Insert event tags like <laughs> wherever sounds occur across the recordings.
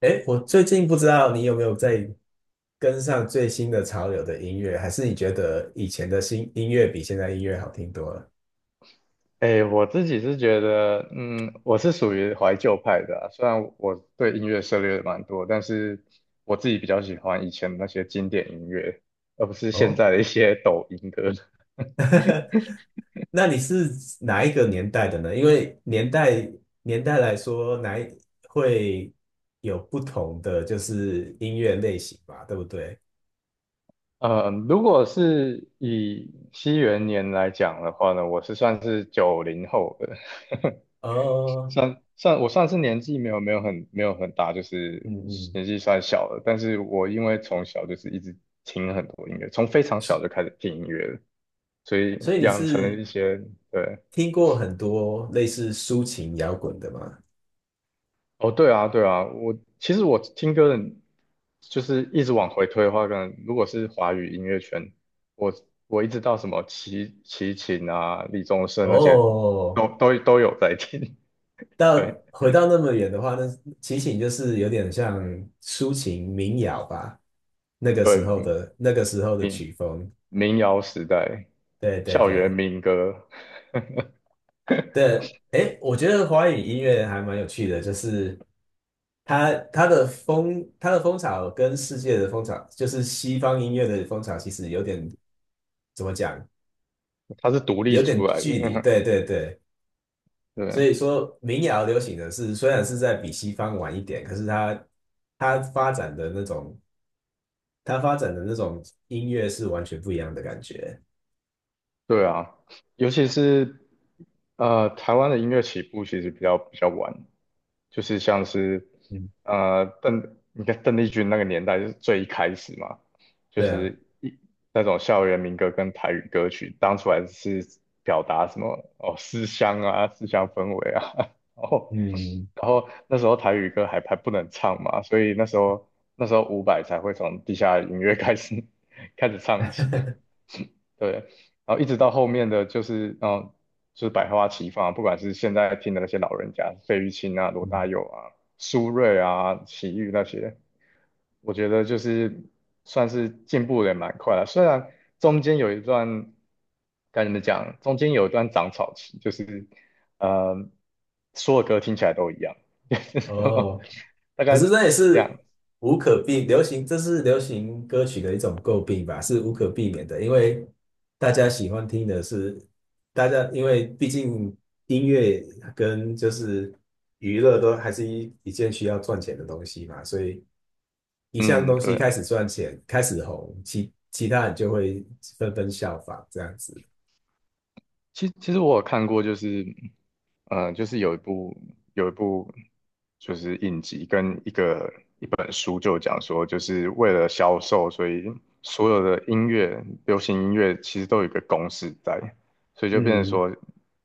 哎，我最近不知道你有没有在跟上最新的潮流的音乐，还是你觉得以前的新音乐比现在音乐好听多了？哎，我自己是觉得，我是属于怀旧派的啊，虽然我对音乐涉猎蛮多，但是我自己比较喜欢以前的那些经典音乐，而不是现哦，在的一些抖音歌。<laughs> 那你是哪一个年代的呢？因为年代来说，哪一会有不同的就是音乐类型吧，对不对？嗯，如果是以西元年来讲的话呢，我是算是90后的。<laughs> 哦，我算是年纪没有很大，就是嗯嗯，年纪算小的。但是我因为从小就是一直听很多音乐，从非常小就所开始听音乐了。所以所以你养成了是一些。对。听过很多类似抒情摇滚的吗？哦，对啊，对啊，其实我听歌的，就是一直往回推的话，可能如果是华语音乐圈，我我一直到什么齐秦啊、李宗盛那些，哦。都有在听。<laughs> 对到回到那么远的话，那齐秦就是有点像抒情民谣吧，对，那个时候的民曲风。民谣时代，对对校园对民歌，对，诶，我觉得华语音乐还蛮有趣的，就是它它的风潮跟世界的风潮，就是西方音乐的风潮，其实有点怎么讲，它是独立有点出来的。距离。对对对，<laughs> 所对以说民谣流行的是虽然是在比西方晚一点，可是它发展的那种。他发展的那种音乐是完全不一样的感觉。对啊，尤其是台湾的音乐起步其实比较晚。就是像是嗯，你看邓丽君那个年代就是最一开始嘛，就对啊，是那种校园民歌跟台语歌曲，当初还是表达什么哦思乡啊、思乡氛围啊。<laughs> 然后嗯 那时候台语歌还不能唱嘛，所以那时候伍佰才会从地下音乐开始 <laughs> 唱起。<laughs> <laughs> 对，然后一直到后面的就是，就是百花齐放，不管是现在听的那些老人家，费玉清啊、罗大嗯，佑啊、苏芮啊、齐豫那些，我觉得就是算是进步的也蛮快了。虽然中间有一段，该怎么讲，中间有一段长草期，就是呃，所有歌听起来都一样。<laughs> 就是什么哦，大可是概这也是两，无可避，流行，这是流行歌曲的一种诟病吧，是无可避免的，因为大家喜欢听的是，大家因为毕竟音乐跟就是娱乐都还是一件需要赚钱的东西嘛，所以一项嗯，东西对。开始赚钱，开始红，其他人就会纷纷效仿这样子。其实我有看过，就是就是有一部就是影集跟一本书，就讲说，就是为了销售，所以所有的音乐、流行音乐其实都有一个公式在，所以就变成嗯，说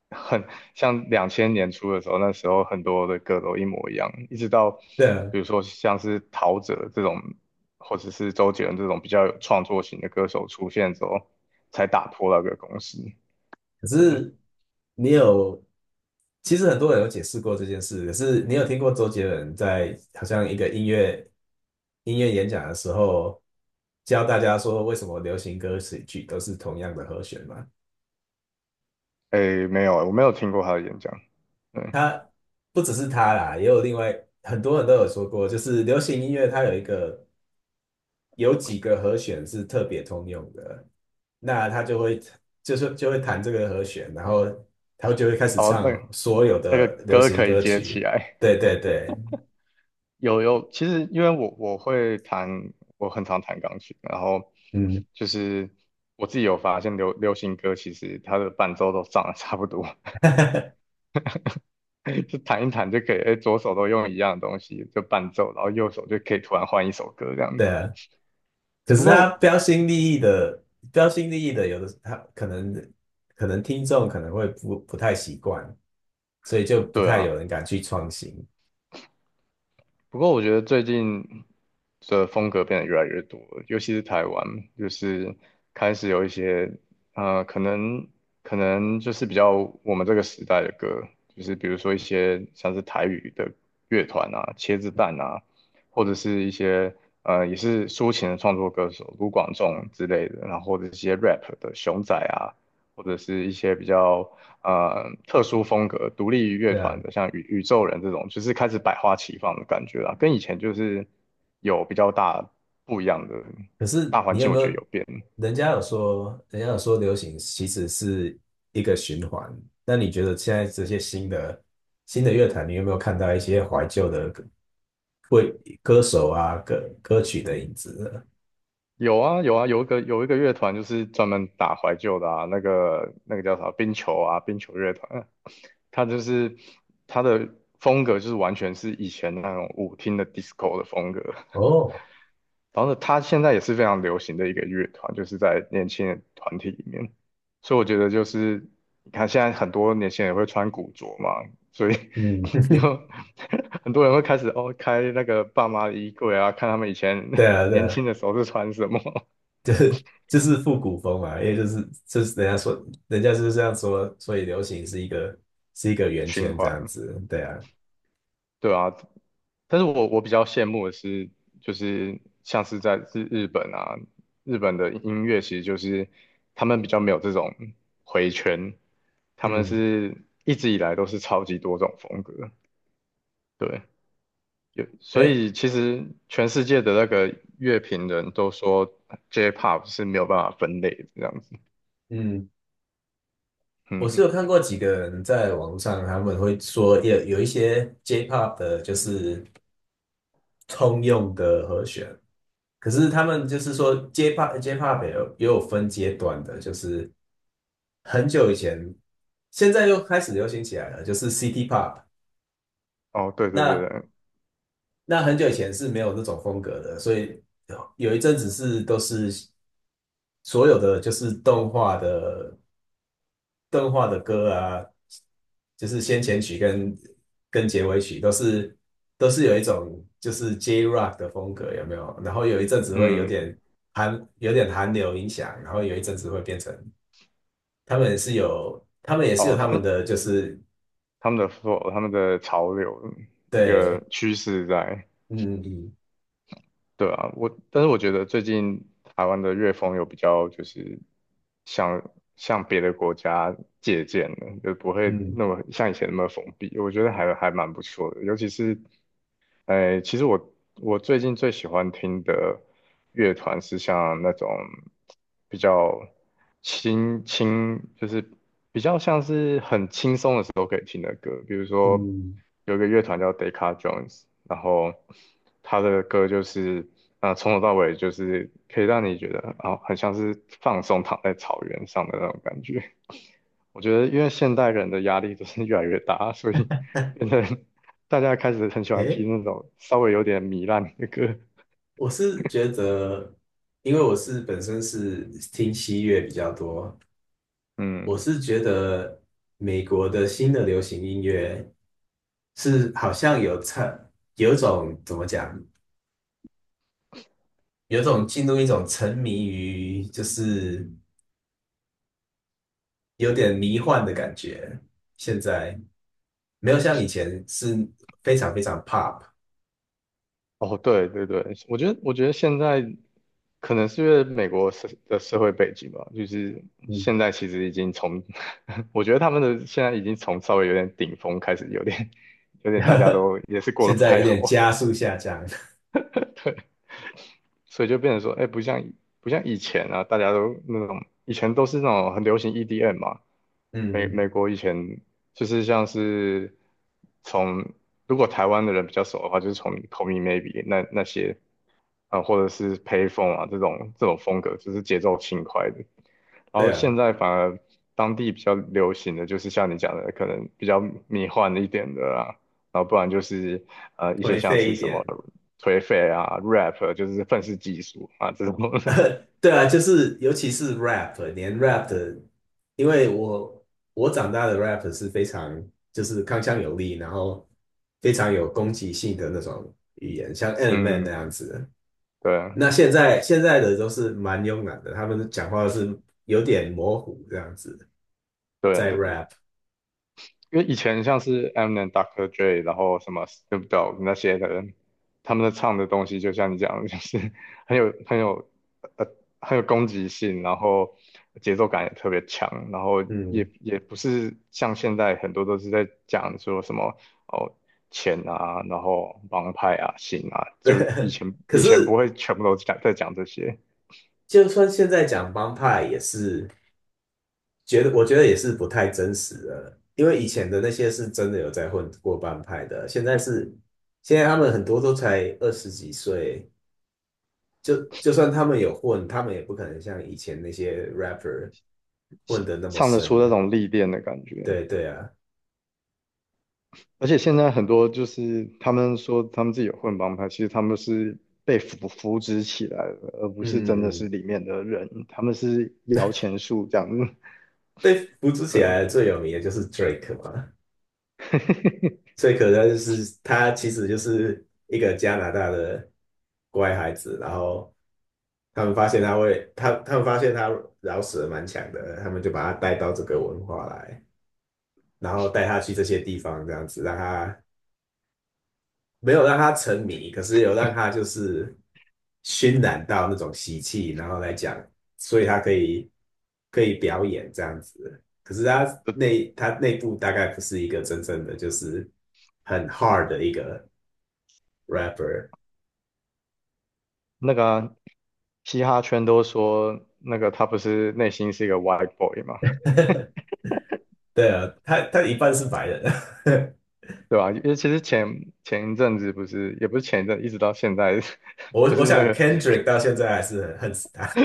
很像2000年初的时候，那时候很多的歌都一模一样，一直到对啊。比如说像是陶喆这种，或者是周杰伦这种比较有创作型的歌手出现之后，才打破那个公式。可对。是你有，其实很多人有解释过这件事。可是你有听过周杰伦在好像一个音乐演讲的时候，教大家说为什么流行歌曲都是同样的和弦吗？诶，没有，我没有听过他的演讲。嗯，他不只是他啦，也有另外很多人都有说过，就是流行音乐它有一个。有几个和弦是特别通用的，那他就会就是就会弹这个和弦，然后他就会开始哦，唱所有那个的流歌行可以歌接起曲。来。对对对，有有，其实因为我会弹，我很常弹钢琴，然后嗯，就是我自己有发现流行歌其实它的伴奏都长得 <laughs> 差不多。<laughs> 就弹一弹就可以，诶，左手都用一样的东西就伴奏，然后右手就可以突然换一首歌这样。对啊。可只不是他过，标新立异的，标新立异的，有的他可能可能听众可能会不太习惯，所以就不对太有啊，人敢去创新。不过我觉得最近的风格变得越来越多了，尤其是台湾，就是开始有一些呃，可能可能就是比较我们这个时代的歌，就是比如说一些像是台语的乐团啊、茄子蛋啊，或者是一些也是抒情的创作歌手卢广仲之类的，然后或者是一些 rap 的熊仔啊，或者是一些比较特殊风格、独立于乐对啊。团的，像宇宙人这种，就是开始百花齐放的感觉啦，跟以前就是有比较大不一样的可是大环你有境，没我觉得有？有变。人家有说，人家有说流行其实是一个循环。那你觉得现在这些新的乐坛，你有没有看到一些怀旧的歌为歌手啊歌曲的影子呢？有啊有啊，有一个乐团就是专门打怀旧的啊，那个叫啥冰球啊，冰球乐团啊，它就是它的风格就是完全是以前那种舞厅的 disco 的风格，哦，然后呢，它现在也是非常流行的一个乐团，就是在年轻人团体里面。所以我觉得就是，你看现在很多年轻人会穿古着嘛，所以 嗯，<laughs> 以后 <laughs> 很多人会开始开那个爸妈的衣柜啊，看他们以前 对啊，<laughs> 对年啊，轻的时候是穿什么。 就是复古风嘛，因为就是人家说，人家就是这样说，所以流行是是一个 <laughs>，圆循圈这环。样子，对啊，对啊，但是我比较羡慕的是，就是像是在日本啊，日本的音乐其实就是他们比较没有这种回圈，他们嗯，是一直以来都是超级多种风格。对，有。所哎，以其实全世界的那个乐评人都说 J-pop 是没有办法分类的这样子。嗯。我是嗯，有看过几个人在网上，他们会说有一些 J-pop 的，就是通用的和弦，可是他们就是说 J-pop 也也有分阶段的，就是很久以前，现在又开始流行起来了，就是 City Pop。哦，对对对那对，那很久以前是没有这种风格的，所以有一阵子是都是所有的就是动画的歌啊，就是先前曲跟结尾曲都是有一种就是 J Rock 的风格，有没有？然后有一阵子会有嗯，点有点韩流影响，然后有一阵子会变成他们也是有哦，他们的就是他们的 flow，他们的潮流一个对，趋势在。嗯嗯对啊，但是我觉得最近台湾的乐风有比较就是向向别的国家借鉴的，就不会嗯那么像以前那么封闭，我觉得还蛮不错的，尤其是。哎，其实我最近最喜欢听的乐团是像那种比较就是比较像是很轻松的时候可以听的歌。比如说嗯，有一个乐团叫 Decca Jones，然后他的歌就是啊、从头到尾就是可以让你觉得啊、很像是放松躺在草原上的那种感觉。我觉得，因为现代人的压力就是越来越大，所以变成大家开始很喜欢诶，听那种稍微有点糜烂的歌。我是觉得，因为我是本身是听西乐比较多，我嗯，是觉得美国的新的流行音乐是好像有沉，有种怎么讲，有种进入一种沉迷于，就是有点迷幻的感觉。现在没有像以前是非常非常 pop，哦，对对对，我觉得现在可能是因为美国社的社会背景吧，就是嗯，现在其实已经从，<laughs> 我觉得他们的现在已经从稍微有点顶峰开始，有点大家 <laughs> 都也是过得现不在太有点好。加速下降。所以就变成说，哎，不像以前啊，大家都那种以前都是那种很流行 EDM 嘛，嗯，美国以前就是像是从如果台湾的人比较熟的话，就是从 Call Me Maybe 那些啊、或者是 Payphone 啊这种风格，就是节奏轻快的。<laughs> 然对后现啊，在反而当地比较流行的就是像你讲的，可能比较迷幻一点的啊，然后不然就是一些颓像废是一什么点。颓废啊、rap 就是愤世嫉俗啊这种。<laughs> 对啊，就是尤其是 rap，连 rap 的，因为我长大的 rap 是非常就是铿锵有力，然后非常有攻击性的那种语言，像 e <laughs> m i n Man 那嗯，样子对那现在的都是蛮慵懒的，他们讲话是有点模糊这样子，对，在 rap，因为以前像是 Eminem、Dr. Dre，然后什么 Snoop DOG 那些的人，他们的唱的东西就像你讲的，就是很有很有呃很有攻击性，然后节奏感也特别强，然后嗯，也不是像现在很多都是在讲说什么哦。钱啊，然后帮派啊、性啊，<laughs> 对。就是可以前不是会全部都在讲这些，就算现在讲帮派也是。我觉得也是不太真实的，因为以前的那些是真的有在混过帮派的，现在他们很多都才二十几岁，就算他们有混，他们也不可能像以前那些 rapper 混的那么唱得出那深。种历练的感觉。对对啊，而且现在很多就是他们说他们自己有混帮派，其实他们是被扶植起来的，而不嗯是真的嗯是嗯，里面的人，他们是摇钱树这样子。被扶植 <laughs> 起对啊。来最有名的就是 Drake 嘛，<laughs> 最可能就是他其实就是一个加拿大的乖孩子，然后他们发现他饶舌蛮强的，他们就把他带到这个文化来，然后带他去这些地方，这样子让他没有让他沉迷，可是有让他就是熏染到那种习气，然后来讲，所以他可以表演这样子。可是他内部大概不是一个真正的就是很 hard 的一个 rapper。那个啊嘻哈圈都说那个他不是内心是一个 white boy 嘛，<laughs> 对啊，他他一半是白人，<laughs> 对吧？因为其实前一阵子不是，也不是前一阵，一直到现在，我 <laughs> 不是我那想 个 Kendrick 到现在还是很恨死他。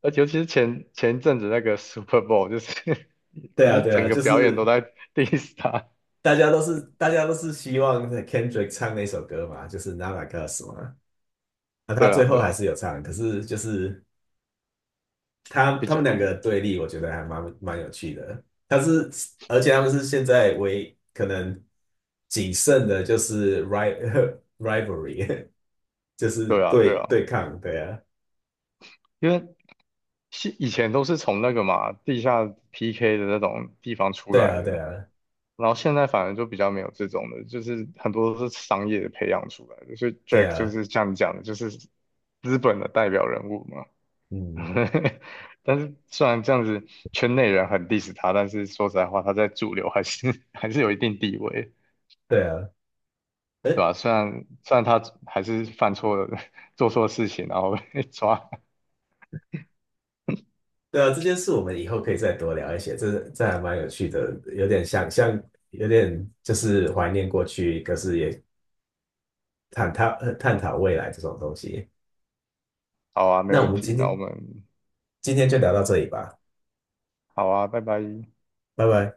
而且尤其是前一阵子那个 Super Bowl，就是 <laughs> <laughs> 对不啊，是对整啊，个就表演都是在 diss 他？大家都是希望 Kendrick 唱那首歌嘛，就是《Not Like Us》嘛。那他对啊，最后对还啊，是有唱，可是就是比他较们两个的对立，我觉得还蛮有趣的。他是而且他们是现在唯可能仅剩的就是 ri <laughs> rivalry，就是对啊，对啊，对抗。对啊，因为是以前都是从那个嘛地下 PK 的那种地方出对来啊，对的，啊，然后现在反而就比较没有这种的，就是很多都是商业培养出来的，所以 对 Jack 就啊，是像你讲的，就是资本的代表人物嘛。嗯。<laughs> 但是虽然这样子圈内人很 diss 他，但是说实在话，他在主流还是 <laughs> 还是有一定地位，对啊，对哎，吧？虽然他还是犯错了。<laughs> 做错事情，然后被抓。<laughs> 对啊，这件事我们以后可以再多聊一些，这还蛮有趣的，有点像有点就是怀念过去，可是也探讨探讨未来这种东西。好啊，没那我问们题。那我们今天就聊到这里吧，好啊，拜拜。拜拜。